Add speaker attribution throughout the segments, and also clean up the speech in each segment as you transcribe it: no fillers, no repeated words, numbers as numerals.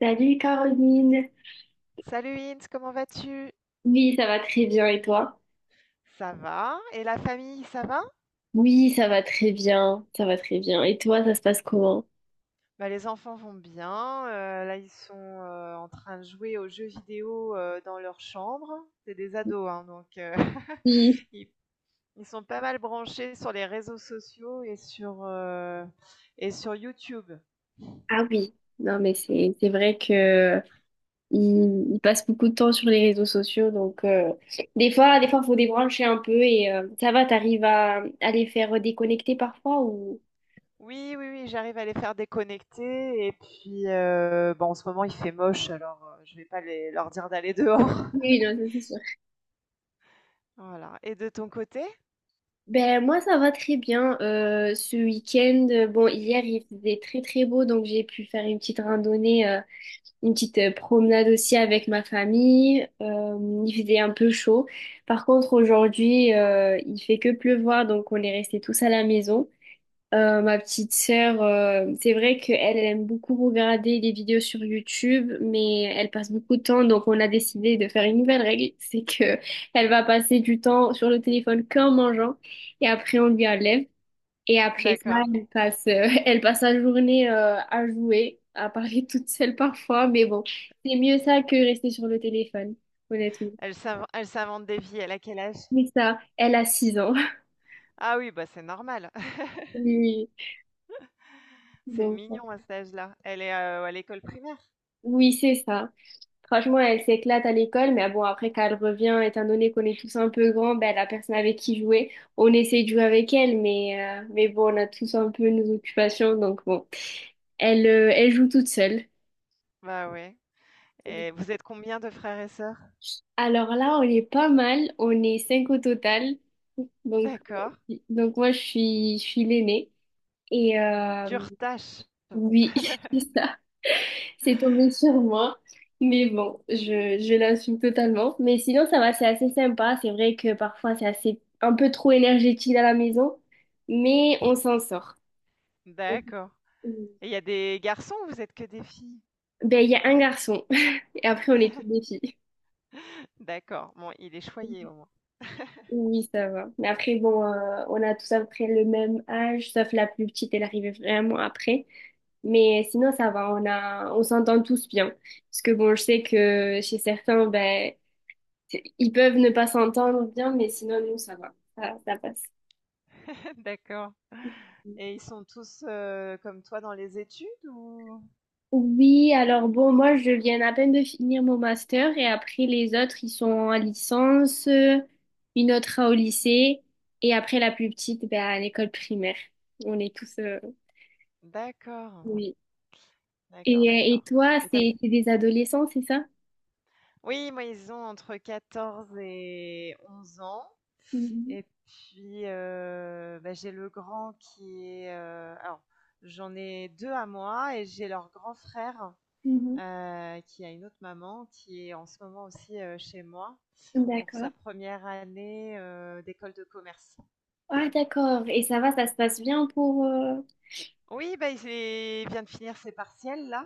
Speaker 1: Salut Caroline.
Speaker 2: Salut Ins, comment vas-tu?
Speaker 1: Oui, ça va très bien et toi?
Speaker 2: Ça va? Et la famille, ça va?
Speaker 1: Oui, ça va très bien, ça va très bien. Et toi, ça se passe comment?
Speaker 2: Bah, les enfants vont bien. Là, ils sont en train de jouer aux jeux vidéo dans leur chambre. C'est des ados, hein, donc
Speaker 1: Oui.
Speaker 2: ils, ils sont pas mal branchés sur les réseaux sociaux et et sur YouTube.
Speaker 1: Ah oui. Non, mais c'est vrai que il passe beaucoup de temps sur les réseaux sociaux, donc des fois, faut débrancher un peu et ça va. T'arrives à les faire déconnecter parfois ou?
Speaker 2: Oui, oui, oui, j'arrive à les faire déconnecter. Et puis, bon, en ce moment, il fait moche, alors je vais pas leur dire d'aller dehors.
Speaker 1: Oui, non, ça, c'est sûr.
Speaker 2: Voilà. Et de ton côté?
Speaker 1: Ben moi ça va très bien. Ce week-end, bon hier il faisait très très beau donc j'ai pu faire une petite randonnée une petite promenade aussi avec ma famille. Il faisait un peu chaud. Par contre, aujourd'hui, il fait que pleuvoir, donc on est restés tous à la maison. Ma petite sœur, c'est vrai qu'elle aime beaucoup regarder des vidéos sur YouTube, mais elle passe beaucoup de temps, donc on a décidé de faire une nouvelle règle, c'est que elle va passer du temps sur le téléphone qu'en mangeant, et après on lui enlève. Et après ça,
Speaker 2: D'accord.
Speaker 1: elle passe la journée à jouer, à parler toute seule parfois, mais bon, c'est mieux ça que rester sur le téléphone, honnêtement.
Speaker 2: Elle s'invente des vies, elle a quel âge?
Speaker 1: Mais ça, elle a 6 ans.
Speaker 2: Ah oui, bah c'est normal.
Speaker 1: Oui,
Speaker 2: C'est
Speaker 1: donc,
Speaker 2: mignon à cet âge-là. Elle est, à l'école primaire?
Speaker 1: oui, c'est ça. Franchement, elle s'éclate à l'école, mais bon, après, quand elle revient, étant donné qu'on est tous un peu grands, ben, la personne avec qui jouer, on essaie de jouer avec elle, mais bon, on a tous un peu nos occupations, donc bon, elle joue toute seule.
Speaker 2: Bah ouais, et vous êtes combien de frères et sœurs?
Speaker 1: Alors là, on est pas mal, on est cinq au total. Donc,
Speaker 2: D'accord.
Speaker 1: donc, moi, je suis l'aînée. Et
Speaker 2: Dure tâche.
Speaker 1: oui, c'est ça, c'est tombé sur moi. Mais bon, je l'assume totalement. Mais sinon, ça va, c'est assez sympa. C'est vrai que parfois, c'est assez un peu trop énergétique à la maison, mais on s'en sort.
Speaker 2: D'accord, et il y a des garçons ou vous êtes que des filles?
Speaker 1: Ben, il y a un garçon, et après, on est toutes des filles.
Speaker 2: D'accord, bon il est choyé au moins.
Speaker 1: Oui, ça va. Mais après, bon, on a tous à peu près le même âge, sauf la plus petite, elle arrivait vraiment après. Mais sinon, ça va, on s'entend tous bien. Parce que bon, je sais que chez certains, ben, ils peuvent ne pas s'entendre bien, mais sinon, nous, ça va. Ça passe.
Speaker 2: D'accord, et ils sont tous, comme toi dans les études ou?
Speaker 1: Oui, alors bon, moi, je viens à peine de finir mon master et après, les autres, ils sont en licence, une autre au lycée et après, la plus petite, ben, à l'école primaire. On est tous,
Speaker 2: D'accord.
Speaker 1: oui.
Speaker 2: D'accord,
Speaker 1: Et
Speaker 2: d'accord.
Speaker 1: toi,
Speaker 2: Et t'as
Speaker 1: c'est des adolescents, c'est ça?
Speaker 2: oui, moi, ils ont entre 14 et 11 ans.
Speaker 1: Mhm,
Speaker 2: Et puis, j'ai le grand qui est, alors, j'en ai 2 à moi et j'ai leur grand frère,
Speaker 1: mhm.
Speaker 2: qui a une autre maman, qui est en ce moment aussi, chez moi pour sa
Speaker 1: D'accord.
Speaker 2: première année, d'école de commerce.
Speaker 1: Ah, d'accord. Et ça va, ça se passe bien pour...
Speaker 2: Oui, bah, il vient de finir ses partiels là.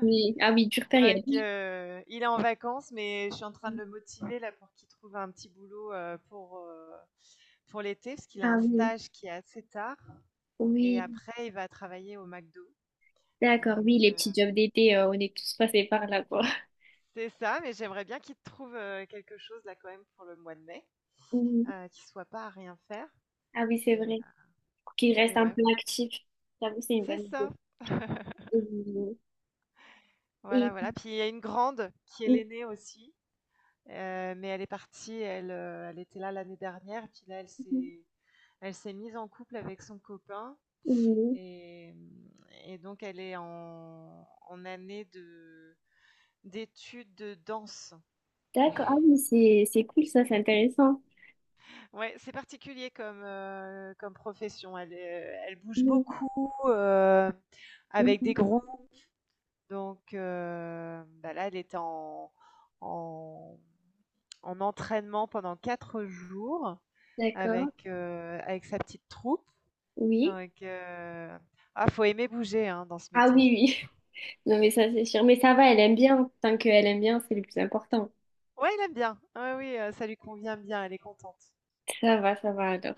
Speaker 1: Oui. Ah oui, dure
Speaker 2: Donc,
Speaker 1: période.
Speaker 2: il est en vacances, mais je suis en train de le motiver là pour qu'il trouve un petit boulot pour l'été, parce qu'il a
Speaker 1: Ah
Speaker 2: un
Speaker 1: oui,
Speaker 2: stage qui est assez tard. Et
Speaker 1: oui,
Speaker 2: après, il va travailler au McDo.
Speaker 1: d'accord,
Speaker 2: Donc,
Speaker 1: oui, les petits jobs d'été, on est tous passés par là, quoi.
Speaker 2: c'est ça, mais j'aimerais bien qu'il trouve quelque chose là quand même pour le mois de mai,
Speaker 1: Mhm.
Speaker 2: qu'il soit pas à rien faire.
Speaker 1: Ah oui, c'est
Speaker 2: Et,
Speaker 1: vrai.
Speaker 2: euh,
Speaker 1: Pour qu'ils restent
Speaker 2: et
Speaker 1: un
Speaker 2: ouais,
Speaker 1: peu
Speaker 2: voilà.
Speaker 1: actifs. J'avoue, c'est une
Speaker 2: C'est
Speaker 1: bonne
Speaker 2: ça.
Speaker 1: idée. Oui.
Speaker 2: Voilà,
Speaker 1: Et...
Speaker 2: voilà. Puis il y a une grande qui est l'aînée aussi. Mais elle est partie, elle était là l'année dernière, puis là,
Speaker 1: Mhm,
Speaker 2: elle s'est mise en couple avec son copain
Speaker 1: mhm.
Speaker 2: et mmh et donc elle est en année de d'études de danse.
Speaker 1: D'accord. Ah oui, c'est cool, ça, c'est intéressant.
Speaker 2: Ouais, c'est particulier comme profession. Elle bouge
Speaker 1: Mhm,
Speaker 2: beaucoup, heu, avec
Speaker 1: mhm.
Speaker 2: des groupes, donc là, elle était en en entraînement pendant 4 jours.
Speaker 1: D'accord.
Speaker 2: Avec, avec sa petite troupe,
Speaker 1: Oui.
Speaker 2: donc ah, faut aimer bouger, hein, dans ce
Speaker 1: Ah
Speaker 2: métier.
Speaker 1: oui, oui. Non, mais ça, c'est sûr. Mais ça va, elle aime bien. Tant qu'elle aime bien, c'est le plus important.
Speaker 2: Ouais, il aime bien. Ouais, oui, ça lui convient bien, elle est contente.
Speaker 1: Ça va alors.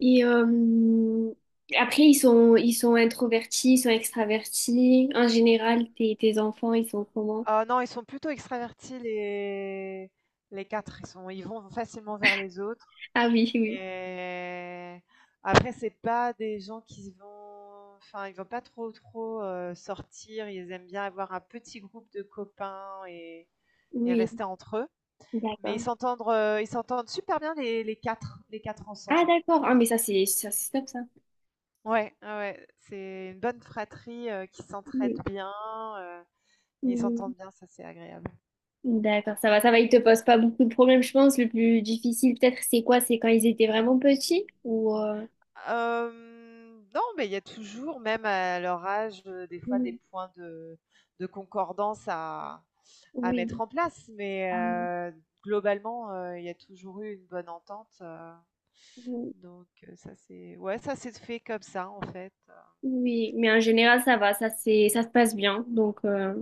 Speaker 1: Et après, ils sont introvertis, ils sont extravertis. En général, tes enfants, ils sont comment?
Speaker 2: Ah non, ils sont plutôt extravertis les 4. Ils vont facilement vers les autres,
Speaker 1: Ah oui, oui.
Speaker 2: et après c'est pas des gens qui vont, enfin, ils vont pas trop, trop, sortir. Ils aiment bien avoir un petit groupe de copains et
Speaker 1: Oui,
Speaker 2: rester entre eux, mais
Speaker 1: d'accord.
Speaker 2: ils s'entendent super bien les 4, les 4
Speaker 1: Ah
Speaker 2: ensemble.
Speaker 1: d'accord. Ah mais ça, c'est top ça.
Speaker 2: Ouais, ouais, ouais, c'est une bonne fratrie, qui s'entraide
Speaker 1: Oui.
Speaker 2: bien, heu et ils
Speaker 1: Oui.
Speaker 2: s'entendent bien, ça c'est agréable.
Speaker 1: D'accord, ça va, ça va. Ils te posent pas beaucoup de problèmes, je pense. Le plus difficile, peut-être, c'est quoi? C'est quand ils étaient vraiment petits ou...
Speaker 2: Non, mais il y a toujours, même à leur âge, des fois
Speaker 1: Oui.
Speaker 2: des points de concordance à mettre
Speaker 1: Oui.
Speaker 2: en place, mais
Speaker 1: Ah
Speaker 2: globalement, il y a toujours eu une bonne entente,
Speaker 1: oui.
Speaker 2: donc ça c'est, ouais, ça c'est fait comme ça, en fait.
Speaker 1: Oui, mais en général, ça va, ça se passe bien. Donc,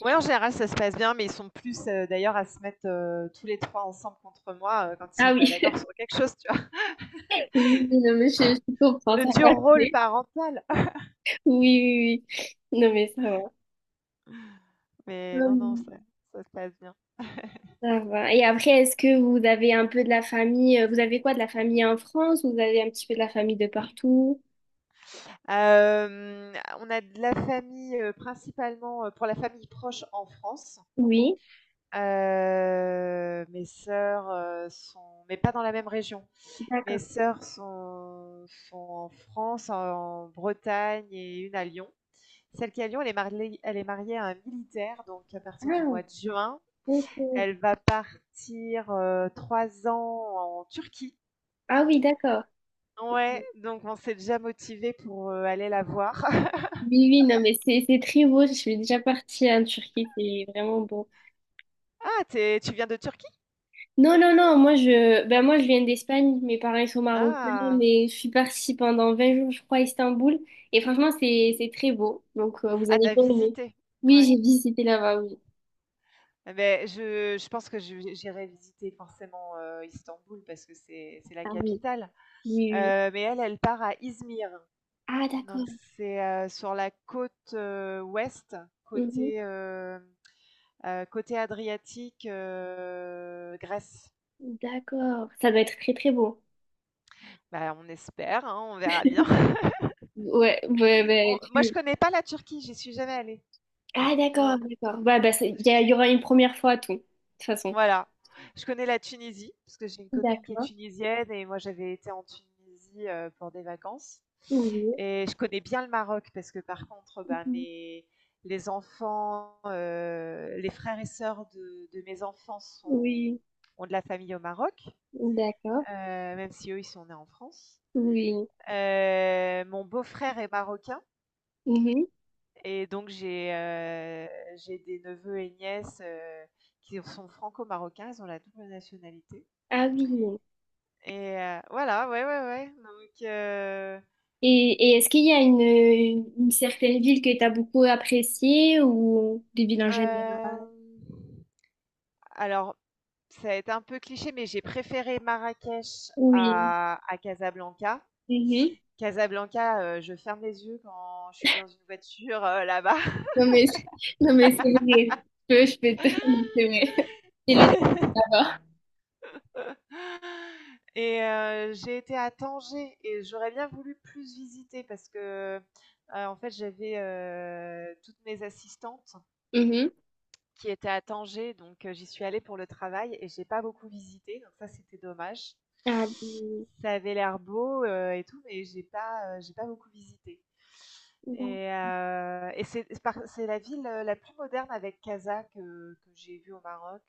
Speaker 2: Ouais, en général, ça se passe bien, mais ils sont plus, d'ailleurs à se mettre, tous les 3 ensemble contre moi, quand ils
Speaker 1: ah
Speaker 2: sont pas
Speaker 1: oui,
Speaker 2: d'accord sur quelque chose.
Speaker 1: oui, oui, non, mais je comprends,
Speaker 2: Le
Speaker 1: ça va.
Speaker 2: dur rôle
Speaker 1: Oui,
Speaker 2: parental.
Speaker 1: oui, oui, non, mais ça va.
Speaker 2: Mais non, non,
Speaker 1: Hum.
Speaker 2: ça se passe bien.
Speaker 1: Ça va. Et après, est-ce que vous avez un peu de la famille, vous avez quoi, de la famille en France? Vous avez un petit peu de la famille de partout?
Speaker 2: Hem, on a de la famille, principalement, pour la famille proche en France.
Speaker 1: Oui,
Speaker 2: Mes sœurs, sont mais pas dans la même région. Mes
Speaker 1: d'accord.
Speaker 2: sœurs sont sont en France, en Bretagne et une à Lyon. Celle qui est à Lyon, elle est mariée à un militaire, donc à partir du
Speaker 1: Ah,
Speaker 2: mois de juin,
Speaker 1: ok.
Speaker 2: elle va partir, 3 ans en Turquie.
Speaker 1: Ah oui, d'accord.
Speaker 2: Ouais, donc on s'est déjà motivé pour, aller la voir.
Speaker 1: Oui, oui, non, mais c'est très beau. Je suis déjà partie en Turquie, c'est vraiment beau.
Speaker 2: Ah, tu viens de Turquie?
Speaker 1: Non, non, non, ben moi je viens d'Espagne, mes parents ils sont marocains,
Speaker 2: Ah!
Speaker 1: mais je suis partie pendant 20 jours, je crois, à Istanbul. Et franchement, c'est très beau, donc vous
Speaker 2: Ah,
Speaker 1: allez
Speaker 2: t'as
Speaker 1: bien aimer.
Speaker 2: visité?
Speaker 1: Oui,
Speaker 2: Ouais.
Speaker 1: j'ai visité là-bas, oui.
Speaker 2: Ah beh, je pense que je j'irai visiter forcément, Istanbul parce que c'est la
Speaker 1: Ah oui,
Speaker 2: capitale,
Speaker 1: oui, oui.
Speaker 2: mais elle, elle part à Izmir,
Speaker 1: Ah
Speaker 2: donc
Speaker 1: d'accord.
Speaker 2: c'est, sur la côte, ouest,
Speaker 1: Mhm.
Speaker 2: côté, hem, côté Adriatique, Grèce.
Speaker 1: D'accord, ça doit être très très beau.
Speaker 2: Bah, on espère, hein, on verra bien.
Speaker 1: Ouais, ouais, ben
Speaker 2: On Moi, je
Speaker 1: tu...
Speaker 2: connais pas la Turquie, j'y suis jamais allée.
Speaker 1: Ah
Speaker 2: Non.
Speaker 1: d'accord, d'accord. Ouais, ben il y aura une première fois à tout, de toute façon.
Speaker 2: Voilà. Je connais la Tunisie, parce que j'ai une copine qui est
Speaker 1: D'accord.
Speaker 2: tunisienne et moi j'avais été en Tunisie, pour des vacances,
Speaker 1: Oui.
Speaker 2: et je connais bien le Maroc parce que par contre, bah,
Speaker 1: Mhm.
Speaker 2: mes les enfants, les frères et sœurs de mes enfants sont
Speaker 1: Oui.
Speaker 2: ont de la famille au Maroc,
Speaker 1: D'accord.
Speaker 2: heu, même si eux, ils sont nés en France.
Speaker 1: Oui.
Speaker 2: Mon beau-frère est marocain,
Speaker 1: Mhm.
Speaker 2: et donc j'ai des neveux et nièces, qui sont franco-marocains, ils ont la double nationalité.
Speaker 1: Ah oui.
Speaker 2: Et voilà, ouais, ouais, ouais, donc
Speaker 1: Et est-ce qu'il y a une certaine ville que tu as beaucoup appréciée ou des villes en général?
Speaker 2: hem, alors ça va être un peu cliché, mais j'ai préféré Marrakech
Speaker 1: Oui.
Speaker 2: à Casablanca.
Speaker 1: Mhm.
Speaker 2: Casablanca, je ferme les yeux quand je suis dans une voiture, là-bas.
Speaker 1: Non mais, c'est- non mais c'est vrai. Je peux te... C'est vrai. C'est le d'abord.
Speaker 2: Et j'ai été à Tanger et j'aurais bien voulu plus visiter parce que, en fait, j'avais, toutes mes assistantes
Speaker 1: Mhm.
Speaker 2: qui était à Tanger, donc j'y suis allée pour le travail et j'ai pas beaucoup visité, donc ça c'était dommage.
Speaker 1: Ah,
Speaker 2: Ça avait l'air beau et tout, mais j'ai pas beaucoup visité.
Speaker 1: d'accord.
Speaker 2: Et c'est la ville la plus moderne avec Casa que j'ai vue au Maroc.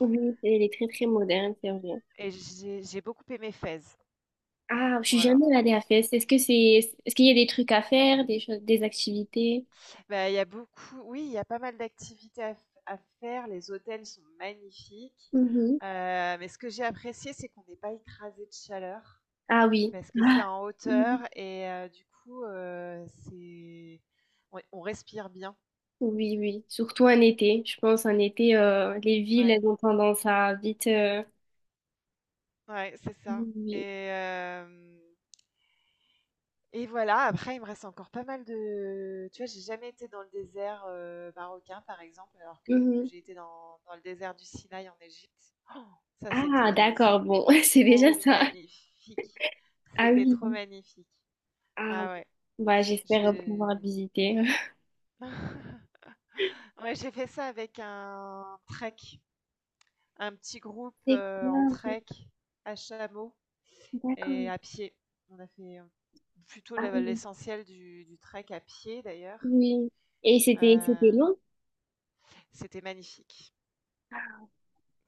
Speaker 1: Oui, elle est très très moderne, c'est vrai.
Speaker 2: Et j'ai beaucoup aimé Fès.
Speaker 1: Ah, je suis
Speaker 2: Voilà.
Speaker 1: jamais allée à Fès. Est-ce qu'il y a des trucs à faire, des choses, des activités?
Speaker 2: Bah, il y a beaucoup, oui, il y a pas mal d'activités à faire. Les hôtels sont magnifiques.
Speaker 1: Mhm.
Speaker 2: Mais ce que j'ai apprécié, c'est qu'on n'est pas écrasé de chaleur.
Speaker 1: Ah oui.
Speaker 2: Parce que c'est
Speaker 1: Ah.
Speaker 2: en hauteur et du coup, c'est on respire bien.
Speaker 1: Oui, oui, surtout en été. Je pense en été, les villes,
Speaker 2: Ouais,
Speaker 1: elles ont tendance à vite.
Speaker 2: ouais, c'est ça,
Speaker 1: Oui.
Speaker 2: et voilà, après il me reste encore pas mal de, tu vois, j'ai jamais été dans le désert, marocain, par exemple, alors que
Speaker 1: Mhm.
Speaker 2: j'ai été dans le désert du Sinaï en Égypte. Ça,
Speaker 1: Ah,
Speaker 2: c'était
Speaker 1: d'accord,
Speaker 2: c'était
Speaker 1: bon, c'est
Speaker 2: trop
Speaker 1: déjà ça.
Speaker 2: magnifique.
Speaker 1: Ah
Speaker 2: C'était
Speaker 1: oui.
Speaker 2: trop magnifique.
Speaker 1: Ah,
Speaker 2: Ah ouais,
Speaker 1: bah, j'espère
Speaker 2: je
Speaker 1: pouvoir visiter.
Speaker 2: ouais, j'ai fait ça avec un trek. Un petit groupe
Speaker 1: C'est
Speaker 2: en
Speaker 1: bien, ok.
Speaker 2: trek à chameau et
Speaker 1: D'accord.
Speaker 2: à pied. On a fait plutôt
Speaker 1: Ah oui.
Speaker 2: l'essentiel du trek à pied d'ailleurs.
Speaker 1: Oui. Et c'était
Speaker 2: Euh,
Speaker 1: long?
Speaker 2: C'était magnifique.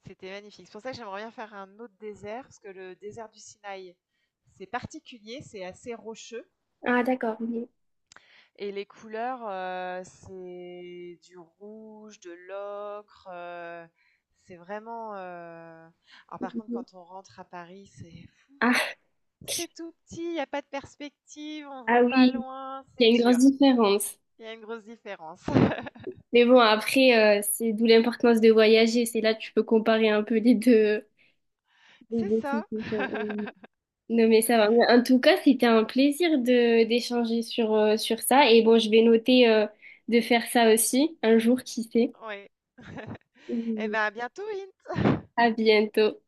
Speaker 2: C'était magnifique. C'est pour ça que j'aimerais bien faire un autre désert, parce que le désert du Sinaï, c'est particulier, c'est assez rocheux.
Speaker 1: Ah, d'accord. Oui.
Speaker 2: Et les couleurs, c'est du rouge, de l'ocre. C'est vraiment. Alors par contre,
Speaker 1: Mhm.
Speaker 2: quand on rentre à Paris, c'est.
Speaker 1: Ah,
Speaker 2: C'est tout petit, il y a pas de perspective, on ne
Speaker 1: ah
Speaker 2: voit pas
Speaker 1: oui,
Speaker 2: loin,
Speaker 1: il y
Speaker 2: c'est
Speaker 1: a une grosse
Speaker 2: dur.
Speaker 1: différence.
Speaker 2: Il y a une grosse différence.
Speaker 1: Mais bon, après, c'est d'où l'importance de voyager. C'est là que tu peux comparer un peu les
Speaker 2: C'est
Speaker 1: deux
Speaker 2: ça.
Speaker 1: situations. Non, mais ça va. Mais en tout cas, c'était un plaisir de d'échanger sur, sur ça. Et bon, je vais noter de faire ça aussi un jour, qui sait.
Speaker 2: Oui. Et
Speaker 1: Mhm.
Speaker 2: ben, à bientôt, Lynn.
Speaker 1: À bientôt.